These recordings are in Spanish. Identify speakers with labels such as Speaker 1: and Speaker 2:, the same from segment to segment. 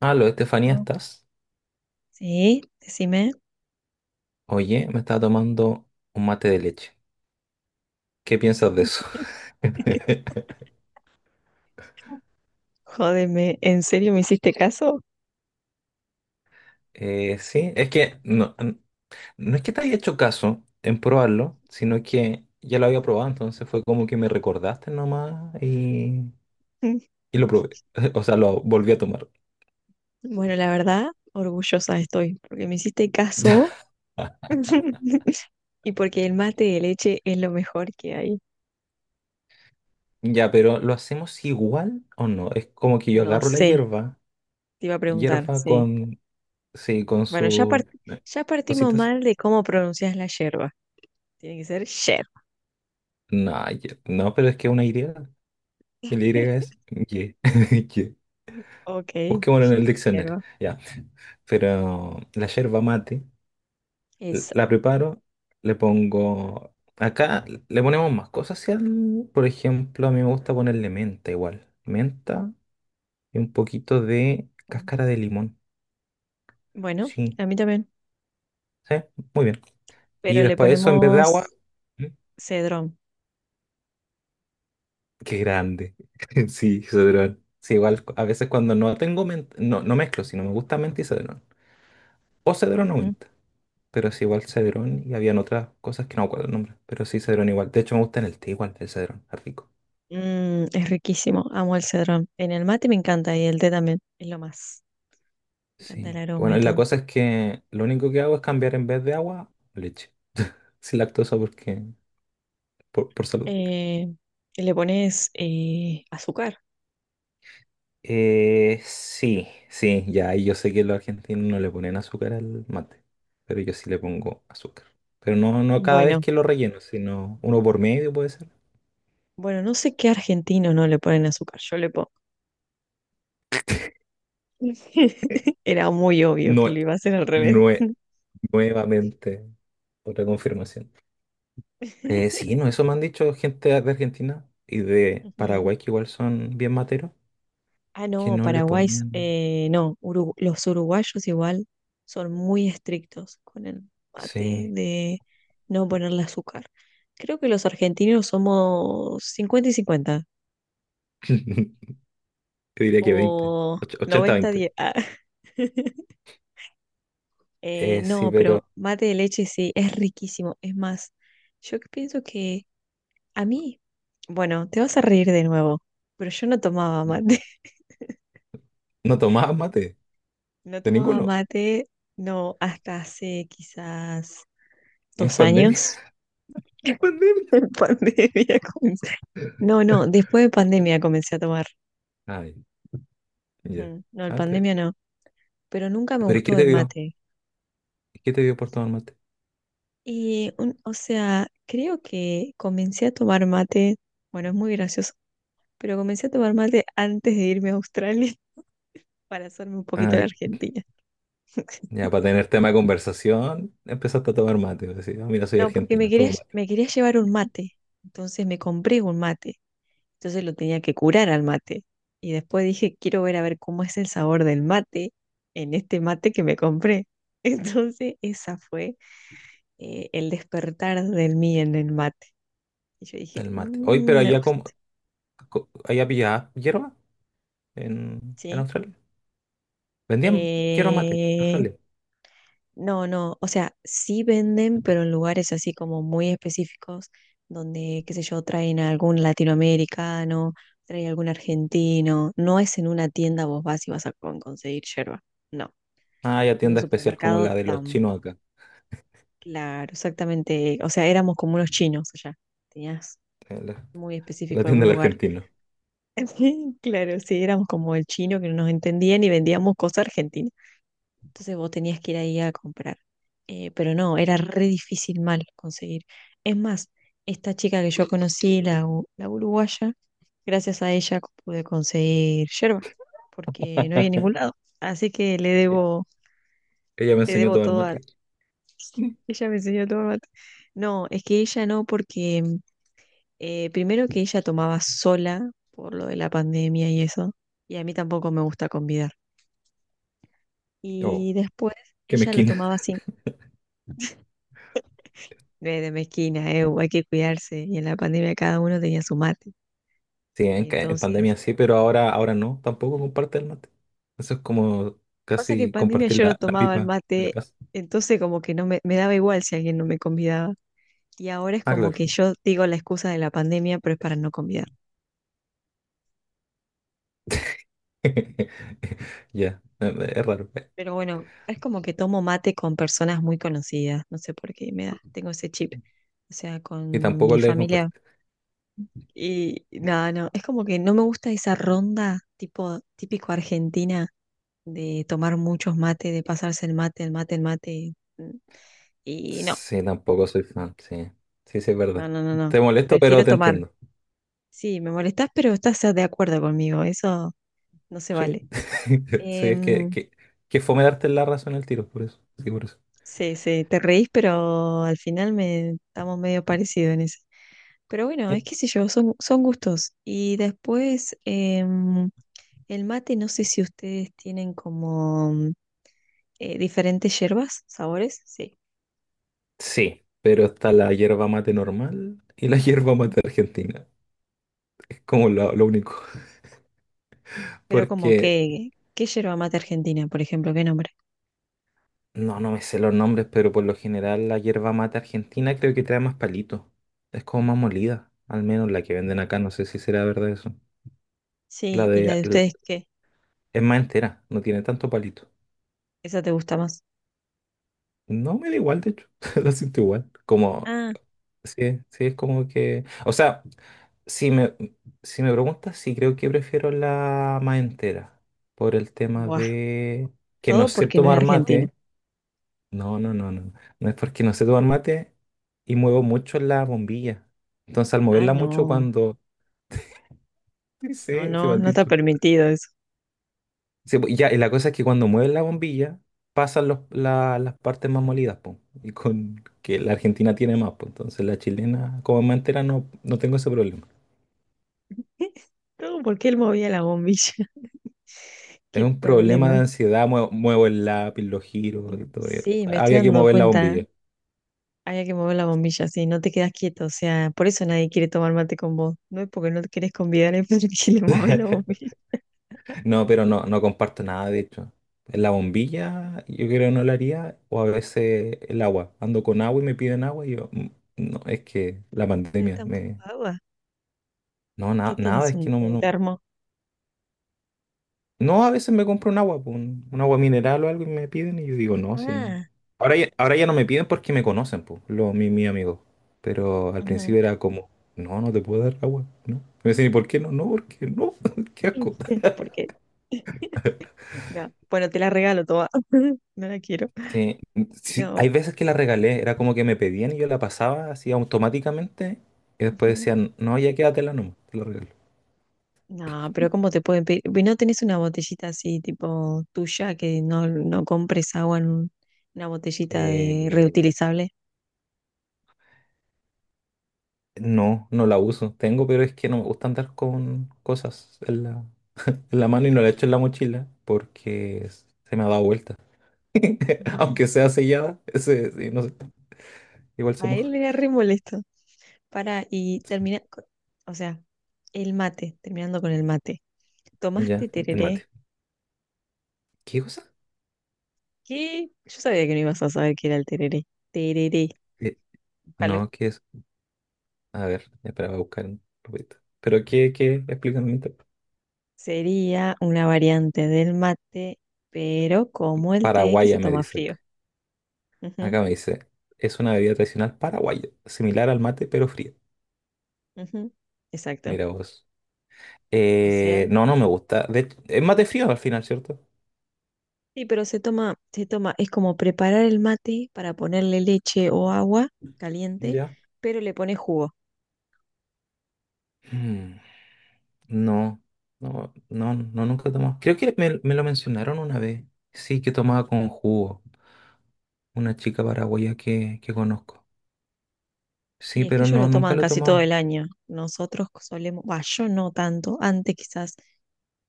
Speaker 1: Aló, Estefanía,
Speaker 2: Oh,
Speaker 1: ¿estás?
Speaker 2: Sí, decime.
Speaker 1: Oye, me estaba tomando un mate de leche. ¿Qué piensas de eso?
Speaker 2: Jódeme, ¿en serio me hiciste caso?
Speaker 1: Sí, es que no es que te haya hecho caso en probarlo, sino que ya lo había probado, entonces fue como que me recordaste nomás
Speaker 2: Mm.
Speaker 1: y lo probé. O sea, lo volví a tomar.
Speaker 2: Bueno, la verdad, orgullosa estoy, porque me hiciste caso y porque el mate de leche es lo mejor que hay.
Speaker 1: Ya, pero ¿lo hacemos igual o no? Es como que yo
Speaker 2: No
Speaker 1: agarro la
Speaker 2: sé,
Speaker 1: hierba,
Speaker 2: te iba a preguntar,
Speaker 1: hierba
Speaker 2: sí.
Speaker 1: con, sí, con
Speaker 2: Bueno, ya,
Speaker 1: sus
Speaker 2: ya partimos
Speaker 1: cositas.
Speaker 2: mal de cómo pronuncias la yerba. Tiene que ser yer.
Speaker 1: No, no, pero es que una idea. El Y es ye, ye.
Speaker 2: Ok,
Speaker 1: Busquémoslo en el diccionario.
Speaker 2: hierba.
Speaker 1: Ya. Pero la yerba mate,
Speaker 2: Esa.
Speaker 1: la preparo, le pongo. Acá le ponemos más cosas. Si por ejemplo, a mí me gusta ponerle menta igual. Menta y un poquito de
Speaker 2: Mm.
Speaker 1: cáscara de limón.
Speaker 2: Bueno,
Speaker 1: Sí,
Speaker 2: a mí también.
Speaker 1: sí, muy bien. Y
Speaker 2: Pero le
Speaker 1: después de eso, en vez de agua.
Speaker 2: ponemos
Speaker 1: ¿Mm?
Speaker 2: cedrón.
Speaker 1: Qué grande. Sí, cedrón. Sí, igual a veces cuando no tengo menta, no mezclo, si no me gusta menta y cedrón. O cedrón o
Speaker 2: Ujú.
Speaker 1: menta. Pero sí igual cedrón y habían otras cosas que no me acuerdo el nombre, pero sí cedrón igual. De hecho me gusta en el té igual, el cedrón, es rico.
Speaker 2: Es riquísimo. Amo el cedrón. En el mate me encanta y el té también. Es lo más. Me encanta el
Speaker 1: Sí.
Speaker 2: aroma
Speaker 1: Bueno,
Speaker 2: y
Speaker 1: y la
Speaker 2: todo.
Speaker 1: cosa es que lo único que hago es cambiar en vez de agua, leche. Sin lactosa porque, por salud.
Speaker 2: Eh, y le pones azúcar.
Speaker 1: Sí, ya, y yo sé que los argentinos no le ponen azúcar al mate, pero yo sí le pongo azúcar. Pero no cada vez
Speaker 2: Bueno,
Speaker 1: que lo relleno, sino uno por medio puede ser.
Speaker 2: bueno, no sé qué argentino no le ponen azúcar. Yo le pongo. Era muy obvio
Speaker 1: No,
Speaker 2: que lo iba a hacer al revés.
Speaker 1: nue- nuevamente, otra confirmación. Sí, no, eso me han dicho gente de Argentina y de
Speaker 2: Ujú.
Speaker 1: Paraguay, que igual son bien materos,
Speaker 2: Ah,
Speaker 1: que
Speaker 2: no,
Speaker 1: no le
Speaker 2: Paraguay,
Speaker 1: ponen.
Speaker 2: no, los uruguayos igual son muy estrictos con el mate
Speaker 1: Sí.
Speaker 2: de no ponerle azúcar. Creo que los argentinos somos 50-50
Speaker 1: Yo diría que 20,
Speaker 2: o 90
Speaker 1: 80-20.
Speaker 2: diez. Ah. Eh,
Speaker 1: Sí,
Speaker 2: no,
Speaker 1: pero
Speaker 2: pero mate de leche sí, es riquísimo. Es más, yo que pienso que a mí, bueno, te vas a reír de nuevo, pero yo no tomaba mate.
Speaker 1: no tomabas mate
Speaker 2: No
Speaker 1: de
Speaker 2: tomaba
Speaker 1: ninguno.
Speaker 2: mate, no, hasta hace quizás
Speaker 1: En
Speaker 2: dos
Speaker 1: pandemia.
Speaker 2: años.
Speaker 1: Pandemia.
Speaker 2: En pandemia comencé. No, no, después de pandemia comencé a tomar.
Speaker 1: Ay, ya.
Speaker 2: Ujú. No, en
Speaker 1: Ah, está bien.
Speaker 2: pandemia no, pero nunca me
Speaker 1: ¿Pero y qué
Speaker 2: gustó
Speaker 1: te
Speaker 2: el
Speaker 1: dio?
Speaker 2: mate.
Speaker 1: ¿Qué te dio por tomar mate?
Speaker 2: Y, o sea, creo que comencé a tomar mate, bueno, es muy gracioso, pero comencé a tomar mate antes de irme a Australia para hacerme un poquito de
Speaker 1: Ah,
Speaker 2: la Argentina.
Speaker 1: ya, para tener tema de conversación, empezaste a tomar mate. Decís: "Ah, mira, soy
Speaker 2: No, porque me
Speaker 1: argentina,
Speaker 2: quería,
Speaker 1: tomo mate".
Speaker 2: me quería llevar un mate, entonces me compré un mate. Entonces lo tenía que curar al mate. Y después dije, quiero ver a ver cómo es el sabor del mate en este mate que me compré. Entonces esa fue el despertar del mí en el mate. Y yo dije,
Speaker 1: El mate. Hoy, pero
Speaker 2: "Mm, me
Speaker 1: allá, como,
Speaker 2: gusta,
Speaker 1: allá pillaba hierba en
Speaker 2: ¿sí?
Speaker 1: Australia. Vendían quiero mate,
Speaker 2: Eh,
Speaker 1: Australia.
Speaker 2: no, no, o sea, sí venden, pero en lugares así como muy específicos, donde, qué sé yo, traen a algún latinoamericano, traen a algún argentino. No es en una tienda vos vas y vas a conseguir yerba. No.
Speaker 1: Ah, ya,
Speaker 2: En un
Speaker 1: tienda especial como
Speaker 2: supermercado
Speaker 1: la de los chinos
Speaker 2: tampoco.
Speaker 1: acá,
Speaker 2: Claro, exactamente. O sea, éramos como unos chinos allá. Tenías
Speaker 1: la,
Speaker 2: muy
Speaker 1: la
Speaker 2: específico algún
Speaker 1: tienda del
Speaker 2: lugar.
Speaker 1: argentino.
Speaker 2: Claro, sí, éramos como el chino que no nos entendían y vendíamos cosas argentinas. Entonces vos tenías que ir ahí a comprar. Pero no, era re difícil mal conseguir. Es más, esta chica que yo conocí, la uruguaya, gracias a ella pude conseguir yerba, porque no había en ningún lado. Así que
Speaker 1: E- Ella me
Speaker 2: le
Speaker 1: enseñó a
Speaker 2: debo
Speaker 1: tomar
Speaker 2: todo.
Speaker 1: mate.
Speaker 2: Ella me enseñó a tomar mate. No, es que ella no, porque primero que ella tomaba sola por lo de la pandemia y eso, y a mí tampoco me gusta convidar.
Speaker 1: Oh,
Speaker 2: Y después
Speaker 1: qué
Speaker 2: ella lo
Speaker 1: mezquina.
Speaker 2: tomaba sin de mezquina, hay que cuidarse, y en la pandemia cada uno tenía su mate.
Speaker 1: Sí, en, en
Speaker 2: Entonces,
Speaker 1: pandemia sí, pero ahora, ahora no, tampoco comparte el mate. Eso es como
Speaker 2: pasa que en
Speaker 1: casi
Speaker 2: pandemia
Speaker 1: compartir
Speaker 2: yo no
Speaker 1: la, la
Speaker 2: tomaba el
Speaker 1: pipa de la
Speaker 2: mate,
Speaker 1: paz.
Speaker 2: entonces como que no me daba igual si alguien no me convidaba. Y ahora es
Speaker 1: Ah,
Speaker 2: como que
Speaker 1: claro.
Speaker 2: yo digo la excusa de la pandemia, pero es para no convidar.
Speaker 1: Ya, es raro.
Speaker 2: Pero bueno, es como que tomo mate con personas muy conocidas, no sé por qué me da, tengo ese chip, o sea,
Speaker 1: Y
Speaker 2: con
Speaker 1: tampoco
Speaker 2: mi
Speaker 1: le
Speaker 2: familia.
Speaker 1: comparte.
Speaker 2: Y nada, no, es como que no me gusta esa ronda tipo típico argentina de tomar muchos mates, de pasarse el mate, el mate, el mate. Y no,
Speaker 1: Sí, tampoco soy fan, sí. Sí, sí, es
Speaker 2: no,
Speaker 1: verdad.
Speaker 2: no, no, no.
Speaker 1: Te molesto, pero
Speaker 2: Prefiero
Speaker 1: te
Speaker 2: tomar.
Speaker 1: entiendo.
Speaker 2: Sí, me molestás, pero estás de acuerdo conmigo, eso no se
Speaker 1: Sí.
Speaker 2: vale.
Speaker 1: Sí, es que,
Speaker 2: Em,
Speaker 1: que fome darte la razón al tiro, por eso. Sí, por eso.
Speaker 2: sí, sí, te reís, pero al final me estamos medio parecidos en eso. Pero bueno,
Speaker 1: Eh,
Speaker 2: es que sé yo, son gustos. Y después, el mate, no sé si ustedes tienen como diferentes hierbas, sabores, sí.
Speaker 1: Sí, pero está la hierba mate normal y la hierba
Speaker 2: Ujú.
Speaker 1: mate argentina. Es como lo único.
Speaker 2: Pero como
Speaker 1: Porque
Speaker 2: que, ¿qué yerba mate argentina, por ejemplo? ¿Qué nombre?
Speaker 1: no, no me sé los nombres, pero por lo general la hierba mate argentina creo que trae más palitos. Es como más molida. Al menos la que venden acá, no sé si será verdad eso. La
Speaker 2: Sí, ¿y la
Speaker 1: de
Speaker 2: de
Speaker 1: l-
Speaker 2: ustedes qué?
Speaker 1: es más entera, no tiene tanto palito.
Speaker 2: ¿Esa te gusta más?
Speaker 1: No, me da igual, de hecho. La siento igual. Como,
Speaker 2: Ah,
Speaker 1: sí, sí, es como que. O sea. Si me, si me preguntas, sí creo que prefiero la más entera, por el tema
Speaker 2: buah,
Speaker 1: de que no
Speaker 2: todo
Speaker 1: sé
Speaker 2: porque no es
Speaker 1: tomar
Speaker 2: argentina.
Speaker 1: mate. No, no, no, no. No es porque no sé tomar mate y muevo mucho la bombilla. Entonces, al
Speaker 2: Ah,
Speaker 1: moverla mucho
Speaker 2: no,
Speaker 1: cuando... Sí,
Speaker 2: no,
Speaker 1: sí, sí me
Speaker 2: no,
Speaker 1: han
Speaker 2: no está
Speaker 1: dicho.
Speaker 2: permitido eso.
Speaker 1: Sí, pues, ya, y la cosa es que cuando mueves la bombilla, pasan las partes más molidas, po. Y con que la Argentina tiene más, po. Entonces, la chilena, como es más entera, no tengo ese problema.
Speaker 2: Todo porque él movía la bombilla.
Speaker 1: Es
Speaker 2: Qué
Speaker 1: un problema de
Speaker 2: problema.
Speaker 1: ansiedad, muevo el lápiz, lo giro y todo. Eso.
Speaker 2: Sí, me estoy
Speaker 1: Había que
Speaker 2: dando
Speaker 1: mover la
Speaker 2: cuenta.
Speaker 1: bombilla.
Speaker 2: Había que mover la bombilla, sí, no te quedas quieto, o sea, por eso nadie quiere tomar mate con vos. No es porque no te querés convidar, es porque le mueve la bombilla.
Speaker 1: No, pero no comparto nada, de hecho. La bombilla, yo creo que no la haría, o a veces el agua. Ando con agua y me piden agua y yo, no, es que la
Speaker 2: Ah,
Speaker 1: pandemia
Speaker 2: tampoco
Speaker 1: me...
Speaker 2: agua.
Speaker 1: No,
Speaker 2: ¿Qué
Speaker 1: nada,
Speaker 2: tienes
Speaker 1: es que
Speaker 2: un, un
Speaker 1: no.
Speaker 2: termo?
Speaker 1: No, a veces me compro un agua, pues, un agua mineral o algo y me piden y yo digo, no, si no.
Speaker 2: Ah,
Speaker 1: Ahora ya no me piden porque me conocen, pues, los, mi amigo. Pero al
Speaker 2: ujú.
Speaker 1: principio era como, no, no te puedo dar agua, no. Y me decían: ¿y por qué no? No, porque no, qué asco.
Speaker 2: Porque no. Bueno, te la regalo toda. No la quiero.
Speaker 1: Sí, sí, hay
Speaker 2: No.
Speaker 1: veces que la regalé, era como que me pedían y yo la pasaba así automáticamente y después
Speaker 2: Ujú.
Speaker 1: decían, no, ya quédatela nomás, te la regalo.
Speaker 2: No, pero ¿cómo te pueden pedir? ¿No tenés una botellita así, tipo tuya, que no, no compres agua en una botellita de
Speaker 1: Eh,
Speaker 2: reutilizable?
Speaker 1: no, no la uso, tengo, pero es que no me gusta andar con cosas en la mano y no la echo en la mochila porque se me ha dado vuelta.
Speaker 2: What?
Speaker 1: Aunque sea sellada, ese, sí, no sé, igual se
Speaker 2: A él
Speaker 1: moja.
Speaker 2: era re molesto. Para, y
Speaker 1: Sí.
Speaker 2: termina, o sea, el mate, terminando con el mate.
Speaker 1: Ya,
Speaker 2: ¿Tomaste
Speaker 1: el
Speaker 2: tereré?
Speaker 1: mate. ¿Qué cosa?
Speaker 2: ¿Qué? Yo sabía que no ibas a saber qué era el tereré. Tereré,
Speaker 1: Eh,
Speaker 2: búscalo.
Speaker 1: no, ¿qué es? A ver, espera, voy a buscar un poquito. ¿Pero qué, qué? Explícame un poco.
Speaker 2: Sería una variante del mate, pero como el té que se
Speaker 1: Paraguaya, me
Speaker 2: toma
Speaker 1: dice acá.
Speaker 2: frío. Ujú,
Speaker 1: Acá me dice, es una bebida tradicional paraguaya, similar al mate, pero fría.
Speaker 2: ujú, Exacto.
Speaker 1: Mira vos.
Speaker 2: O sea,
Speaker 1: No, no me gusta. De hecho, es mate frío al final, ¿cierto?
Speaker 2: sí, pero se toma, es como preparar el mate para ponerle leche o agua caliente,
Speaker 1: Ya.
Speaker 2: pero le pones jugo.
Speaker 1: Mm. No, no, no, no, nunca he tomado. Creo que me lo mencionaron una vez. Sí, que tomaba con jugo. Una chica paraguaya que conozco. Sí,
Speaker 2: Sí, es que
Speaker 1: pero
Speaker 2: ellos
Speaker 1: no,
Speaker 2: lo
Speaker 1: nunca
Speaker 2: toman
Speaker 1: lo he
Speaker 2: casi todo
Speaker 1: tomado.
Speaker 2: el año. Nosotros solemos, bah, yo no tanto. Antes quizás,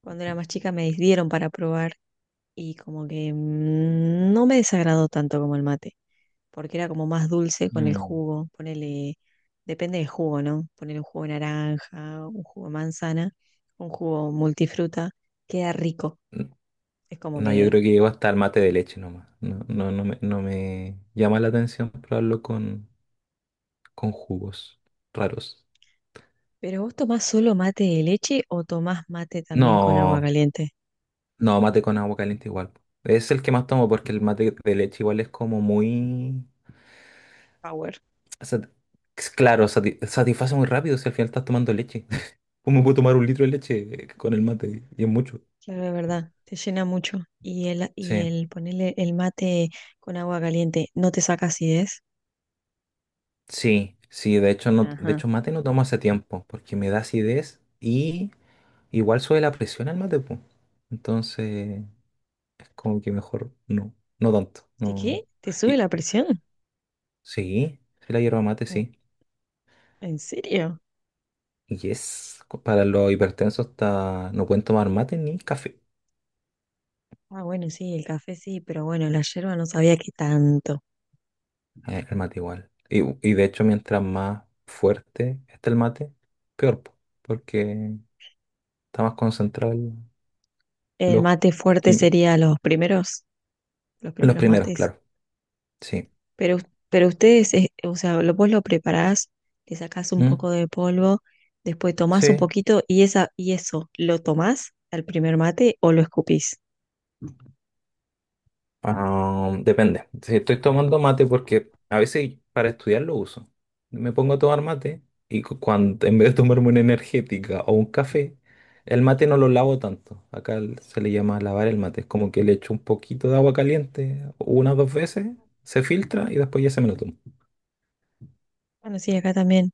Speaker 2: cuando era más chica, me dieron para probar y como que no me desagradó tanto como el mate, porque era como más dulce con el
Speaker 1: Mm.
Speaker 2: jugo. Ponele, depende del jugo, ¿no? Ponele un jugo de naranja, un jugo de manzana, un jugo multifruta. Queda rico.
Speaker 1: N-
Speaker 2: Es como
Speaker 1: No, yo
Speaker 2: que...
Speaker 1: creo que llego hasta el mate de leche nomás. No, no, no me, no me llama la atención probarlo con jugos raros.
Speaker 2: ¿Pero vos tomás solo mate de leche o tomás mate también con agua
Speaker 1: No,
Speaker 2: caliente?
Speaker 1: no, mate con agua caliente igual. Es el que más tomo porque el mate de leche igual es como muy...
Speaker 2: Power.
Speaker 1: O claro, satisface muy rápido si al final estás tomando leche. ¿Cómo puedo tomar un litro de leche con el mate? Y es mucho.
Speaker 2: Claro, es verdad, te llena mucho. Y el, y
Speaker 1: Sí,
Speaker 2: el ponerle el mate con agua caliente, ¿no te saca acidez?
Speaker 1: sí, sí, de hecho no, de
Speaker 2: Ajá.
Speaker 1: hecho mate no tomo hace tiempo, porque me da acidez y igual sube la presión al mate, po. Entonces, es como que mejor no, no tanto,
Speaker 2: ¿De
Speaker 1: no.
Speaker 2: qué? ¿Te sube
Speaker 1: Y
Speaker 2: la presión?
Speaker 1: sí, sí la hierba mate,
Speaker 2: Mm,
Speaker 1: sí.
Speaker 2: ¿En serio?
Speaker 1: Y es, para los hipertensos está, no pueden tomar mate ni café,
Speaker 2: Ah, bueno, sí, el café sí, pero bueno, la yerba no sabía que tanto.
Speaker 1: el mate igual. Y de hecho mientras más fuerte está el mate, peor, po, porque está más concentrado.
Speaker 2: El
Speaker 1: Los,
Speaker 2: mate fuerte
Speaker 1: quimi-
Speaker 2: sería los
Speaker 1: los
Speaker 2: primeros
Speaker 1: primeros,
Speaker 2: mates.
Speaker 1: claro. Sí.
Speaker 2: Pero, pero ustedes, o sea, vos lo preparás, le sacás un
Speaker 1: Mm.
Speaker 2: poco de polvo, después tomás un
Speaker 1: Sí.
Speaker 2: poquito y, esa, y eso, ¿lo tomás al primer mate o lo escupís?
Speaker 1: Ah, depende. Si estoy tomando mate porque a veces para estudiar lo uso. Me pongo a tomar mate y cuando en vez de tomarme una energética o un café, el mate no lo lavo tanto. Acá se le llama lavar el mate. Es como que le echo un poquito de agua caliente unas 2 veces, se filtra y después ya se me lo tomo.
Speaker 2: Bueno, sí, acá también.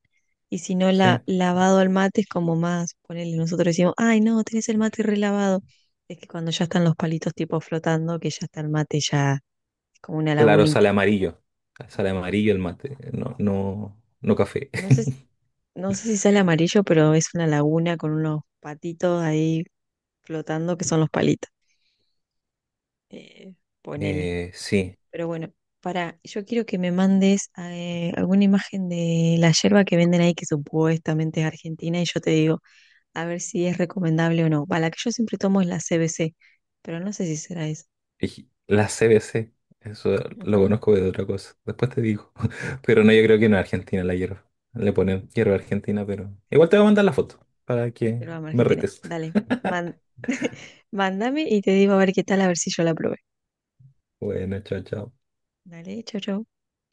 Speaker 2: Y si no,
Speaker 1: Sí.
Speaker 2: lavado al mate es como más, ponele, nosotros decimos, ay, no, tenés el mate relavado. Es que cuando ya están los palitos tipo flotando, que ya está el mate ya es como una
Speaker 1: Claro,
Speaker 2: lagunita.
Speaker 1: sale amarillo. Sale amarillo el mate. No, no, no café.
Speaker 2: No sé, no sé si sale amarillo, pero es una laguna con unos patitos ahí flotando que son los palitos. Eh, ponele.
Speaker 1: Sí.
Speaker 2: Pero bueno, yo quiero que me mandes alguna imagen de la yerba que venden ahí que supuestamente es argentina y yo te digo a ver si es recomendable o no. Va, la que yo siempre tomo es la CBC, pero no sé si será esa.
Speaker 1: Y la CBC, eso lo
Speaker 2: Ujú.
Speaker 1: conozco de otra cosa. Después te digo. Pero no, yo creo que no es Argentina la hierba. Le ponen hierba argentina, pero. Igual te voy a mandar la foto para que
Speaker 2: Pero vamos,
Speaker 1: me
Speaker 2: Argentina,
Speaker 1: retes.
Speaker 2: dale, man- mándame y te digo a ver qué tal, a ver si yo la probé.
Speaker 1: Bueno, chao, chao.
Speaker 2: Dale, chau, chau.